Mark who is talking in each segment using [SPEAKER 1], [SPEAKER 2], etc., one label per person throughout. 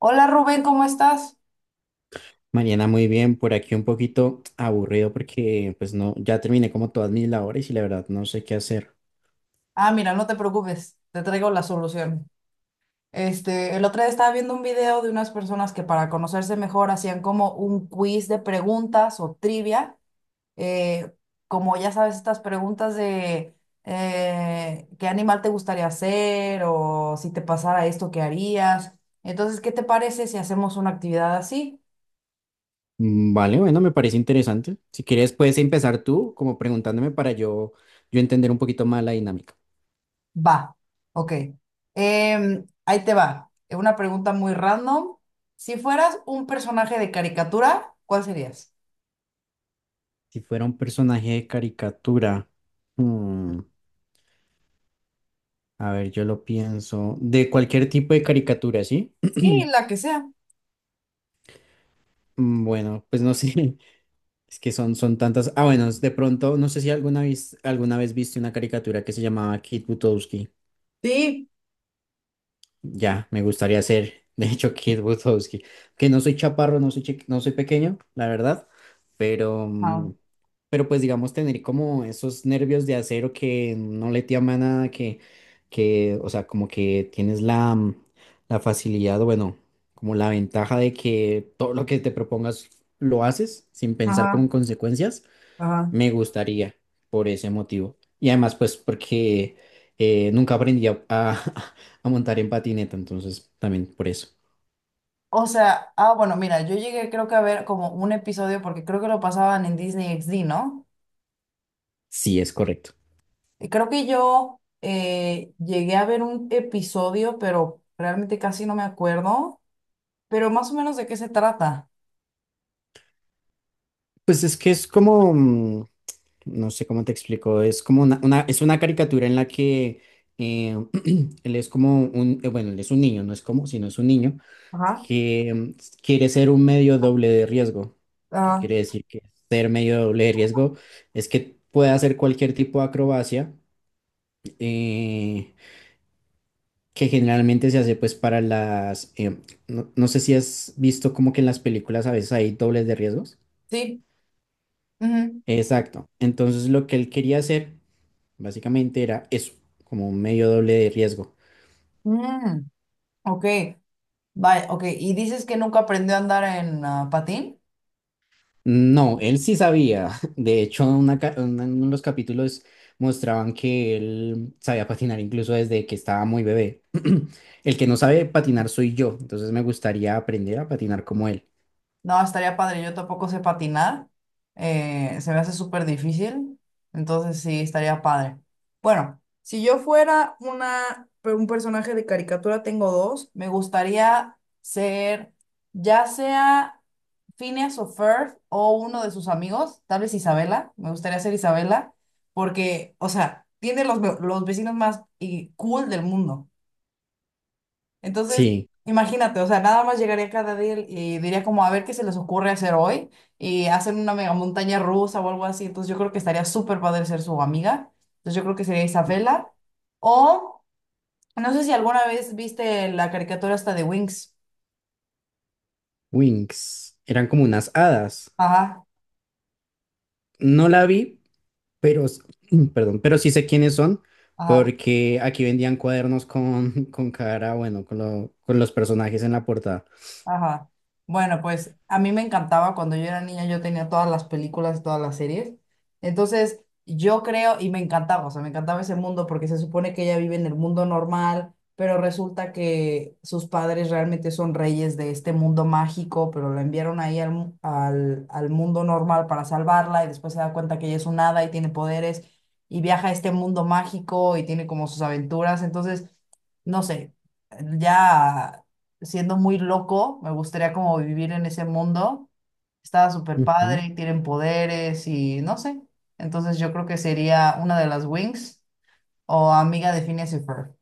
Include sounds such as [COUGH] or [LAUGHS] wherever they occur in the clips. [SPEAKER 1] Hola Rubén, ¿cómo estás?
[SPEAKER 2] Mariana, muy bien, por aquí un poquito aburrido porque pues no, ya terminé como todas mis labores y la verdad no sé qué hacer.
[SPEAKER 1] Ah, mira, no te preocupes, te traigo la solución. El otro día estaba viendo un video de unas personas que para conocerse mejor hacían como un quiz de preguntas o trivia, eh, como ya sabes, estas preguntas de qué animal te gustaría ser o si te pasara esto, ¿qué harías? Entonces, ¿qué te parece si hacemos una actividad así?
[SPEAKER 2] Vale, bueno, me parece interesante. Si quieres puedes empezar tú como preguntándome para yo entender un poquito más la dinámica.
[SPEAKER 1] Va, ok. Ahí te va. Una pregunta muy random. Si fueras un personaje de caricatura, ¿cuál serías?
[SPEAKER 2] Si fuera un personaje de caricatura, mm, a ver, yo lo pienso, de cualquier tipo de caricatura, ¿sí? [CLEARS THROAT]
[SPEAKER 1] Sí, la que sea.
[SPEAKER 2] Bueno, pues no sé, [LAUGHS] es que son tantas. Ah, bueno, de pronto, no sé si alguna vez viste una caricatura que se llamaba Kid Butowski.
[SPEAKER 1] Sí.
[SPEAKER 2] Ya, me gustaría ser, de hecho, Kid Butowski. Que no soy chaparro, no soy, no soy pequeño, la verdad, pero,
[SPEAKER 1] Ah,
[SPEAKER 2] pero pues digamos tener como esos nervios de acero que no le tiembla nada, que, o sea, como que tienes la, la facilidad, o bueno, como la ventaja de que todo lo que te propongas lo haces sin pensar como
[SPEAKER 1] ajá,
[SPEAKER 2] en consecuencias.
[SPEAKER 1] ajá.
[SPEAKER 2] Me gustaría por ese motivo. Y además, pues porque nunca aprendí [LAUGHS] a montar en patineta, entonces también por eso.
[SPEAKER 1] O sea, ah, bueno, mira, yo llegué creo que a ver como un episodio porque creo que lo pasaban en Disney XD, ¿no?
[SPEAKER 2] Sí, es correcto.
[SPEAKER 1] Y creo que yo llegué a ver un episodio, pero realmente casi no me acuerdo, pero más o menos de qué se trata.
[SPEAKER 2] Pues es que es como, no sé cómo te explico, es como es una caricatura en la que eh, [CLEARS THROAT] él es como un, bueno, él es un niño, no es como, sino es un niño
[SPEAKER 1] Ajá,
[SPEAKER 2] que quiere ser un medio doble de riesgo. ¿Qué
[SPEAKER 1] ajá.
[SPEAKER 2] quiere decir que ser medio doble de riesgo? Es que puede hacer cualquier tipo de acrobacia. eh, que generalmente se hace pues para las, no, no sé si has visto como que en las películas a veces hay dobles de riesgos.
[SPEAKER 1] Sí, ujú.
[SPEAKER 2] Exacto. Entonces lo que él quería hacer básicamente era eso, como un medio doble de riesgo.
[SPEAKER 1] Mm. Ok, vaya, ok. ¿Y dices que nunca aprendió a andar en ah, patín?
[SPEAKER 2] No, él sí sabía. [LAUGHS] De hecho, en uno de los capítulos mostraban que él sabía patinar incluso desde que estaba muy bebé. [CLEARS THROAT] El que no sabe patinar soy yo, entonces me gustaría aprender a patinar como él.
[SPEAKER 1] No, estaría padre, yo tampoco sé patinar. Se me hace súper difícil, entonces sí, estaría padre. Bueno, si yo fuera una, un personaje de caricatura, tengo dos. Me gustaría ser, ya sea Phineas o Ferb o uno de sus amigos, tal vez Isabela, me gustaría ser Isabela, porque, o sea, tiene los, los vecinos más y cool del mundo. Entonces,
[SPEAKER 2] Sí,
[SPEAKER 1] imagínate, o sea, nada más llegaría cada día y diría como a ver qué se les ocurre hacer hoy y hacen una mega montaña rusa o algo así. Entonces, yo creo que estaría súper padre ser su amiga. Entonces, yo creo que sería Isabela. O no sé si alguna vez viste la caricatura hasta de Wings.
[SPEAKER 2] Wings. Eran como unas hadas.
[SPEAKER 1] Ajá,
[SPEAKER 2] No la vi, pero, [CLEARS THROAT] perdón, pero sí sé quiénes son,
[SPEAKER 1] ajá.
[SPEAKER 2] porque aquí vendían cuadernos con, [LAUGHS] con cara, bueno, con, con los personajes en la portada.
[SPEAKER 1] Ajá. Bueno, pues a mí me encantaba cuando yo era niña, yo tenía todas las películas, todas las series. Entonces, yo creo y me encantaba, o sea, me encantaba ese mundo porque se supone que ella vive en el mundo normal, pero resulta que sus padres realmente son reyes de este mundo mágico, pero la enviaron ahí al, al, al mundo normal para salvarla y después se da cuenta que ella es un hada y tiene poderes y viaja a este mundo mágico y tiene como sus aventuras. Entonces, no sé, ya siendo muy loco, me gustaría como vivir en ese mundo. Estaba súper
[SPEAKER 2] Ujú.
[SPEAKER 1] padre, y tienen poderes y no sé. Entonces yo creo que sería una de las Wings o amiga de Phineas y Ferb.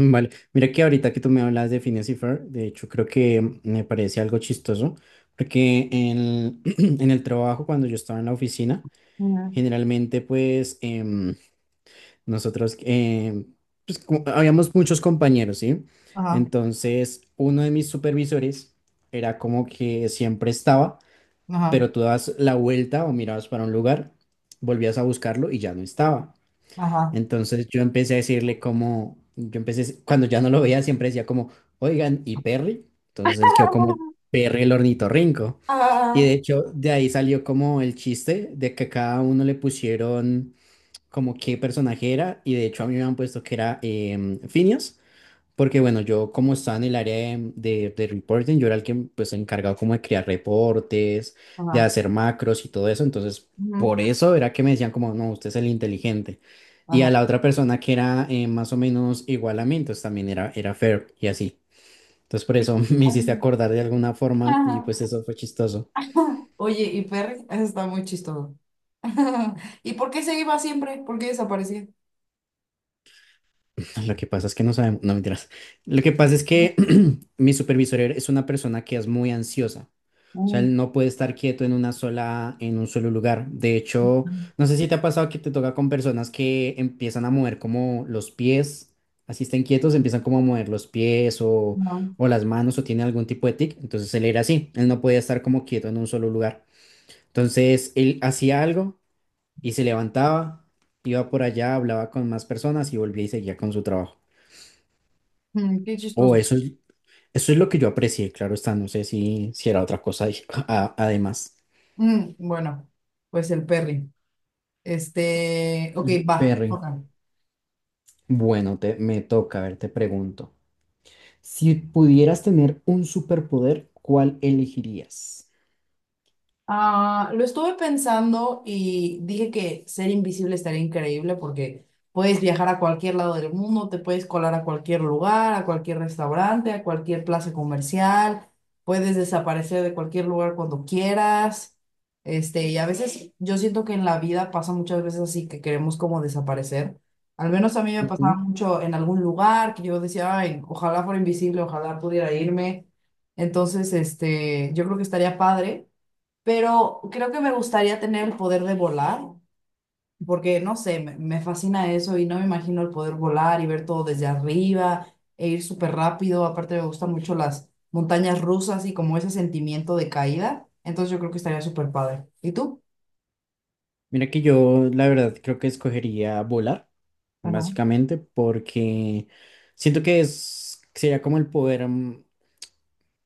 [SPEAKER 2] Vale, mira que ahorita que tú me hablas de Phineas y Ferb, de hecho creo que me parece algo chistoso, porque en, [CLEARS THROAT] en el trabajo, cuando yo estaba en la oficina,
[SPEAKER 1] Ujú.
[SPEAKER 2] generalmente pues nosotros, pues habíamos muchos compañeros, ¿sí?
[SPEAKER 1] Ajá,
[SPEAKER 2] Entonces, uno de mis supervisores era como que siempre estaba,
[SPEAKER 1] ajá,
[SPEAKER 2] pero tú dabas la vuelta o mirabas para un lugar, volvías a buscarlo y ya no estaba.
[SPEAKER 1] ajá,
[SPEAKER 2] Entonces yo empecé a decirle como, yo empecé, cuando ya no lo veía, siempre decía como, oigan, ¿y Perry? Entonces él quedó como Perry el ornitorrinco. Y
[SPEAKER 1] ah,
[SPEAKER 2] de hecho de ahí salió como el chiste de que a cada uno le pusieron como qué personaje era y de hecho a mí me han puesto que era Finios, porque bueno, yo como estaba en el área de reporting, yo era el que pues encargado como de crear reportes, de
[SPEAKER 1] ajá,
[SPEAKER 2] hacer macros y todo eso, entonces
[SPEAKER 1] ujú,
[SPEAKER 2] por eso era que me decían como, no, usted es el inteligente. Y a
[SPEAKER 1] ajá.
[SPEAKER 2] la otra persona que era más o menos igual a mí, entonces también era fair y así. Entonces por eso [LAUGHS] me hiciste acordar de alguna forma y
[SPEAKER 1] Ajá.
[SPEAKER 2] pues eso fue chistoso.
[SPEAKER 1] [LAUGHS] Oye, y Perry, eso está muy chistoso. [LAUGHS] ¿Y por qué se iba siempre? ¿Por qué desaparecía?
[SPEAKER 2] Lo que pasa es que no sabemos, no mentiras. Lo que pasa es que [CLEARS THROAT] mi supervisor es una persona que es muy ansiosa. O sea,
[SPEAKER 1] Mm,
[SPEAKER 2] él no puede estar quieto en una sola, en un solo lugar. De hecho, no sé si te ha pasado que te toca con personas que empiezan a mover como los pies, así estén quietos, empiezan como a mover los pies
[SPEAKER 1] ajá.
[SPEAKER 2] o las manos o tiene algún tipo de tic. Entonces él era así, él no podía estar como quieto en un solo lugar. Entonces él hacía algo y se levantaba, iba por allá, hablaba con más personas y volvía y seguía con su trabajo.
[SPEAKER 1] Mm, qué
[SPEAKER 2] O
[SPEAKER 1] chistoso.
[SPEAKER 2] eso es lo que yo aprecié, claro está, no sé si, si era otra cosa ahí, [LAUGHS] además.
[SPEAKER 1] Mm, bueno, pues el Perry. Ok, va,
[SPEAKER 2] Perry,
[SPEAKER 1] Jorge.
[SPEAKER 2] bueno, te, me toca, a ver, te pregunto. Si pudieras tener un superpoder, ¿cuál elegirías?
[SPEAKER 1] Ah, lo estuve pensando y dije que ser invisible estaría increíble porque puedes viajar a cualquier lado del mundo, te puedes colar a cualquier lugar, a cualquier restaurante, a cualquier plaza comercial, puedes desaparecer de cualquier lugar cuando quieras. Y a veces yo siento que en la vida pasa muchas veces así que queremos como desaparecer. Al menos a mí me pasaba
[SPEAKER 2] Ujú.
[SPEAKER 1] mucho en algún lugar que yo decía, ay, ojalá fuera invisible, ojalá pudiera irme. Entonces, yo creo que estaría padre. Pero creo que me gustaría tener el poder de volar, porque no sé, me fascina eso y no me imagino el poder volar y ver todo desde arriba e ir súper rápido. Aparte me gustan mucho las montañas rusas y como ese sentimiento de caída. Entonces yo creo que estaría súper padre. ¿Y tú?
[SPEAKER 2] Mira que yo, la verdad, creo que escogería volar,
[SPEAKER 1] Ajá,
[SPEAKER 2] básicamente, porque siento que es, sería como el poder,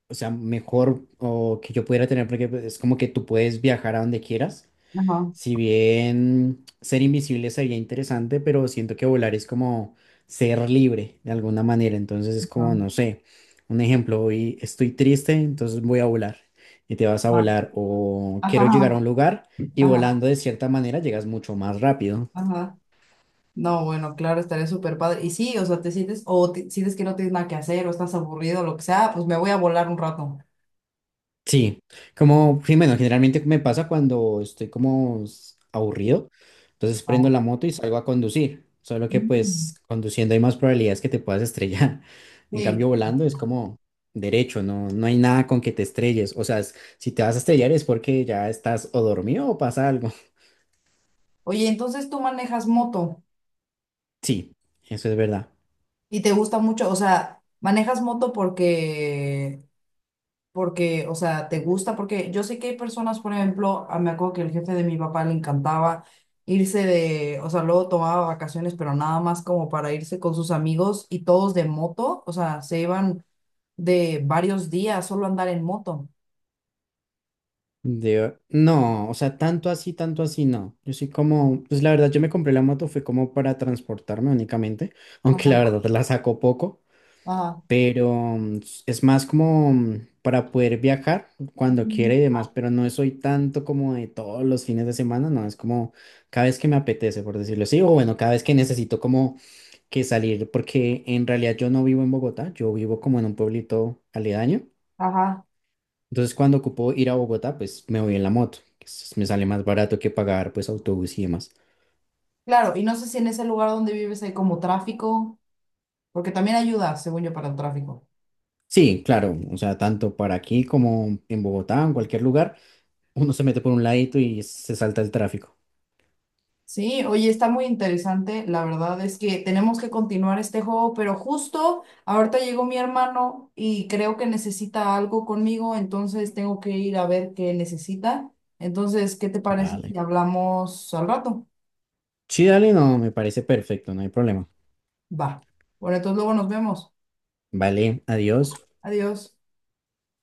[SPEAKER 2] o sea, mejor o que yo pudiera tener, porque pues, es como que tú puedes viajar a donde quieras.
[SPEAKER 1] ajá,
[SPEAKER 2] Si bien ser invisible sería interesante, pero siento que volar es como ser libre de alguna manera. Entonces es como,
[SPEAKER 1] ajá,
[SPEAKER 2] no sé, un ejemplo, hoy estoy triste, entonces voy a volar y te vas a
[SPEAKER 1] ajá,
[SPEAKER 2] volar o quiero
[SPEAKER 1] ajá,
[SPEAKER 2] llegar a un lugar y
[SPEAKER 1] ajá,
[SPEAKER 2] volando de cierta manera llegas mucho más rápido.
[SPEAKER 1] ajá. No, bueno, claro, estaría súper padre. Y sí, o sea, te sientes, o sientes que no tienes nada que hacer, o estás aburrido, lo que sea, pues me voy a volar un rato.
[SPEAKER 2] Sí, como, sí, bueno, generalmente me pasa cuando estoy como aburrido, entonces
[SPEAKER 1] Ah.
[SPEAKER 2] prendo la moto y salgo a conducir, solo que
[SPEAKER 1] Mm.
[SPEAKER 2] pues conduciendo hay más probabilidades que te puedas estrellar, [LAUGHS] en cambio
[SPEAKER 1] Sí.
[SPEAKER 2] volando es como derecho, no, no hay nada con que te estrelles, o sea, si te vas a estrellar es porque ya estás o dormido o pasa algo,
[SPEAKER 1] Oye, entonces tú manejas moto
[SPEAKER 2] [LAUGHS] sí, eso es verdad.
[SPEAKER 1] y te gusta mucho, o sea, manejas moto porque, o sea, te gusta, porque yo sé que hay personas, por ejemplo, ah, me acuerdo que el jefe de mi papá le encantaba irse de, o sea, luego tomaba vacaciones, pero nada más como para irse con sus amigos y todos de moto, o sea, se iban de varios días solo a andar en moto.
[SPEAKER 2] No, o sea, tanto así, no. Yo soy como, pues la verdad, yo me compré la moto, fue como para transportarme únicamente, [LAUGHS] aunque la
[SPEAKER 1] Ajá,
[SPEAKER 2] verdad la saco poco.
[SPEAKER 1] ajá,
[SPEAKER 2] Pero es más como para poder viajar cuando quiera
[SPEAKER 1] ujú,
[SPEAKER 2] y demás, pero no soy tanto como de todos los fines de semana, no, es como cada vez que me apetece, por decirlo así, o bueno, cada vez que necesito como que salir, porque en realidad yo no vivo en Bogotá, yo vivo como en un pueblito aledaño,
[SPEAKER 1] ajá.
[SPEAKER 2] entonces cuando ocupo ir a Bogotá, pues me voy en la moto, me sale más barato que pagar pues autobús y demás.
[SPEAKER 1] Claro, y no sé si en ese lugar donde vives hay como tráfico, porque también ayuda, según yo, para el tráfico.
[SPEAKER 2] Sí, claro, o sea, tanto para aquí como en Bogotá, en cualquier lugar, uno se mete por un ladito y se salta el tráfico.
[SPEAKER 1] Sí, oye, está muy interesante. La verdad es que tenemos que continuar este juego, pero justo ahorita llegó mi hermano y creo que necesita algo conmigo, entonces tengo que ir a ver qué necesita. Entonces, ¿qué te parece
[SPEAKER 2] Vale.
[SPEAKER 1] si hablamos al rato?
[SPEAKER 2] Sí, dale, no, me parece perfecto, no hay problema.
[SPEAKER 1] Va. Bueno, entonces luego nos vemos.
[SPEAKER 2] Vale, adiós.
[SPEAKER 1] Adiós.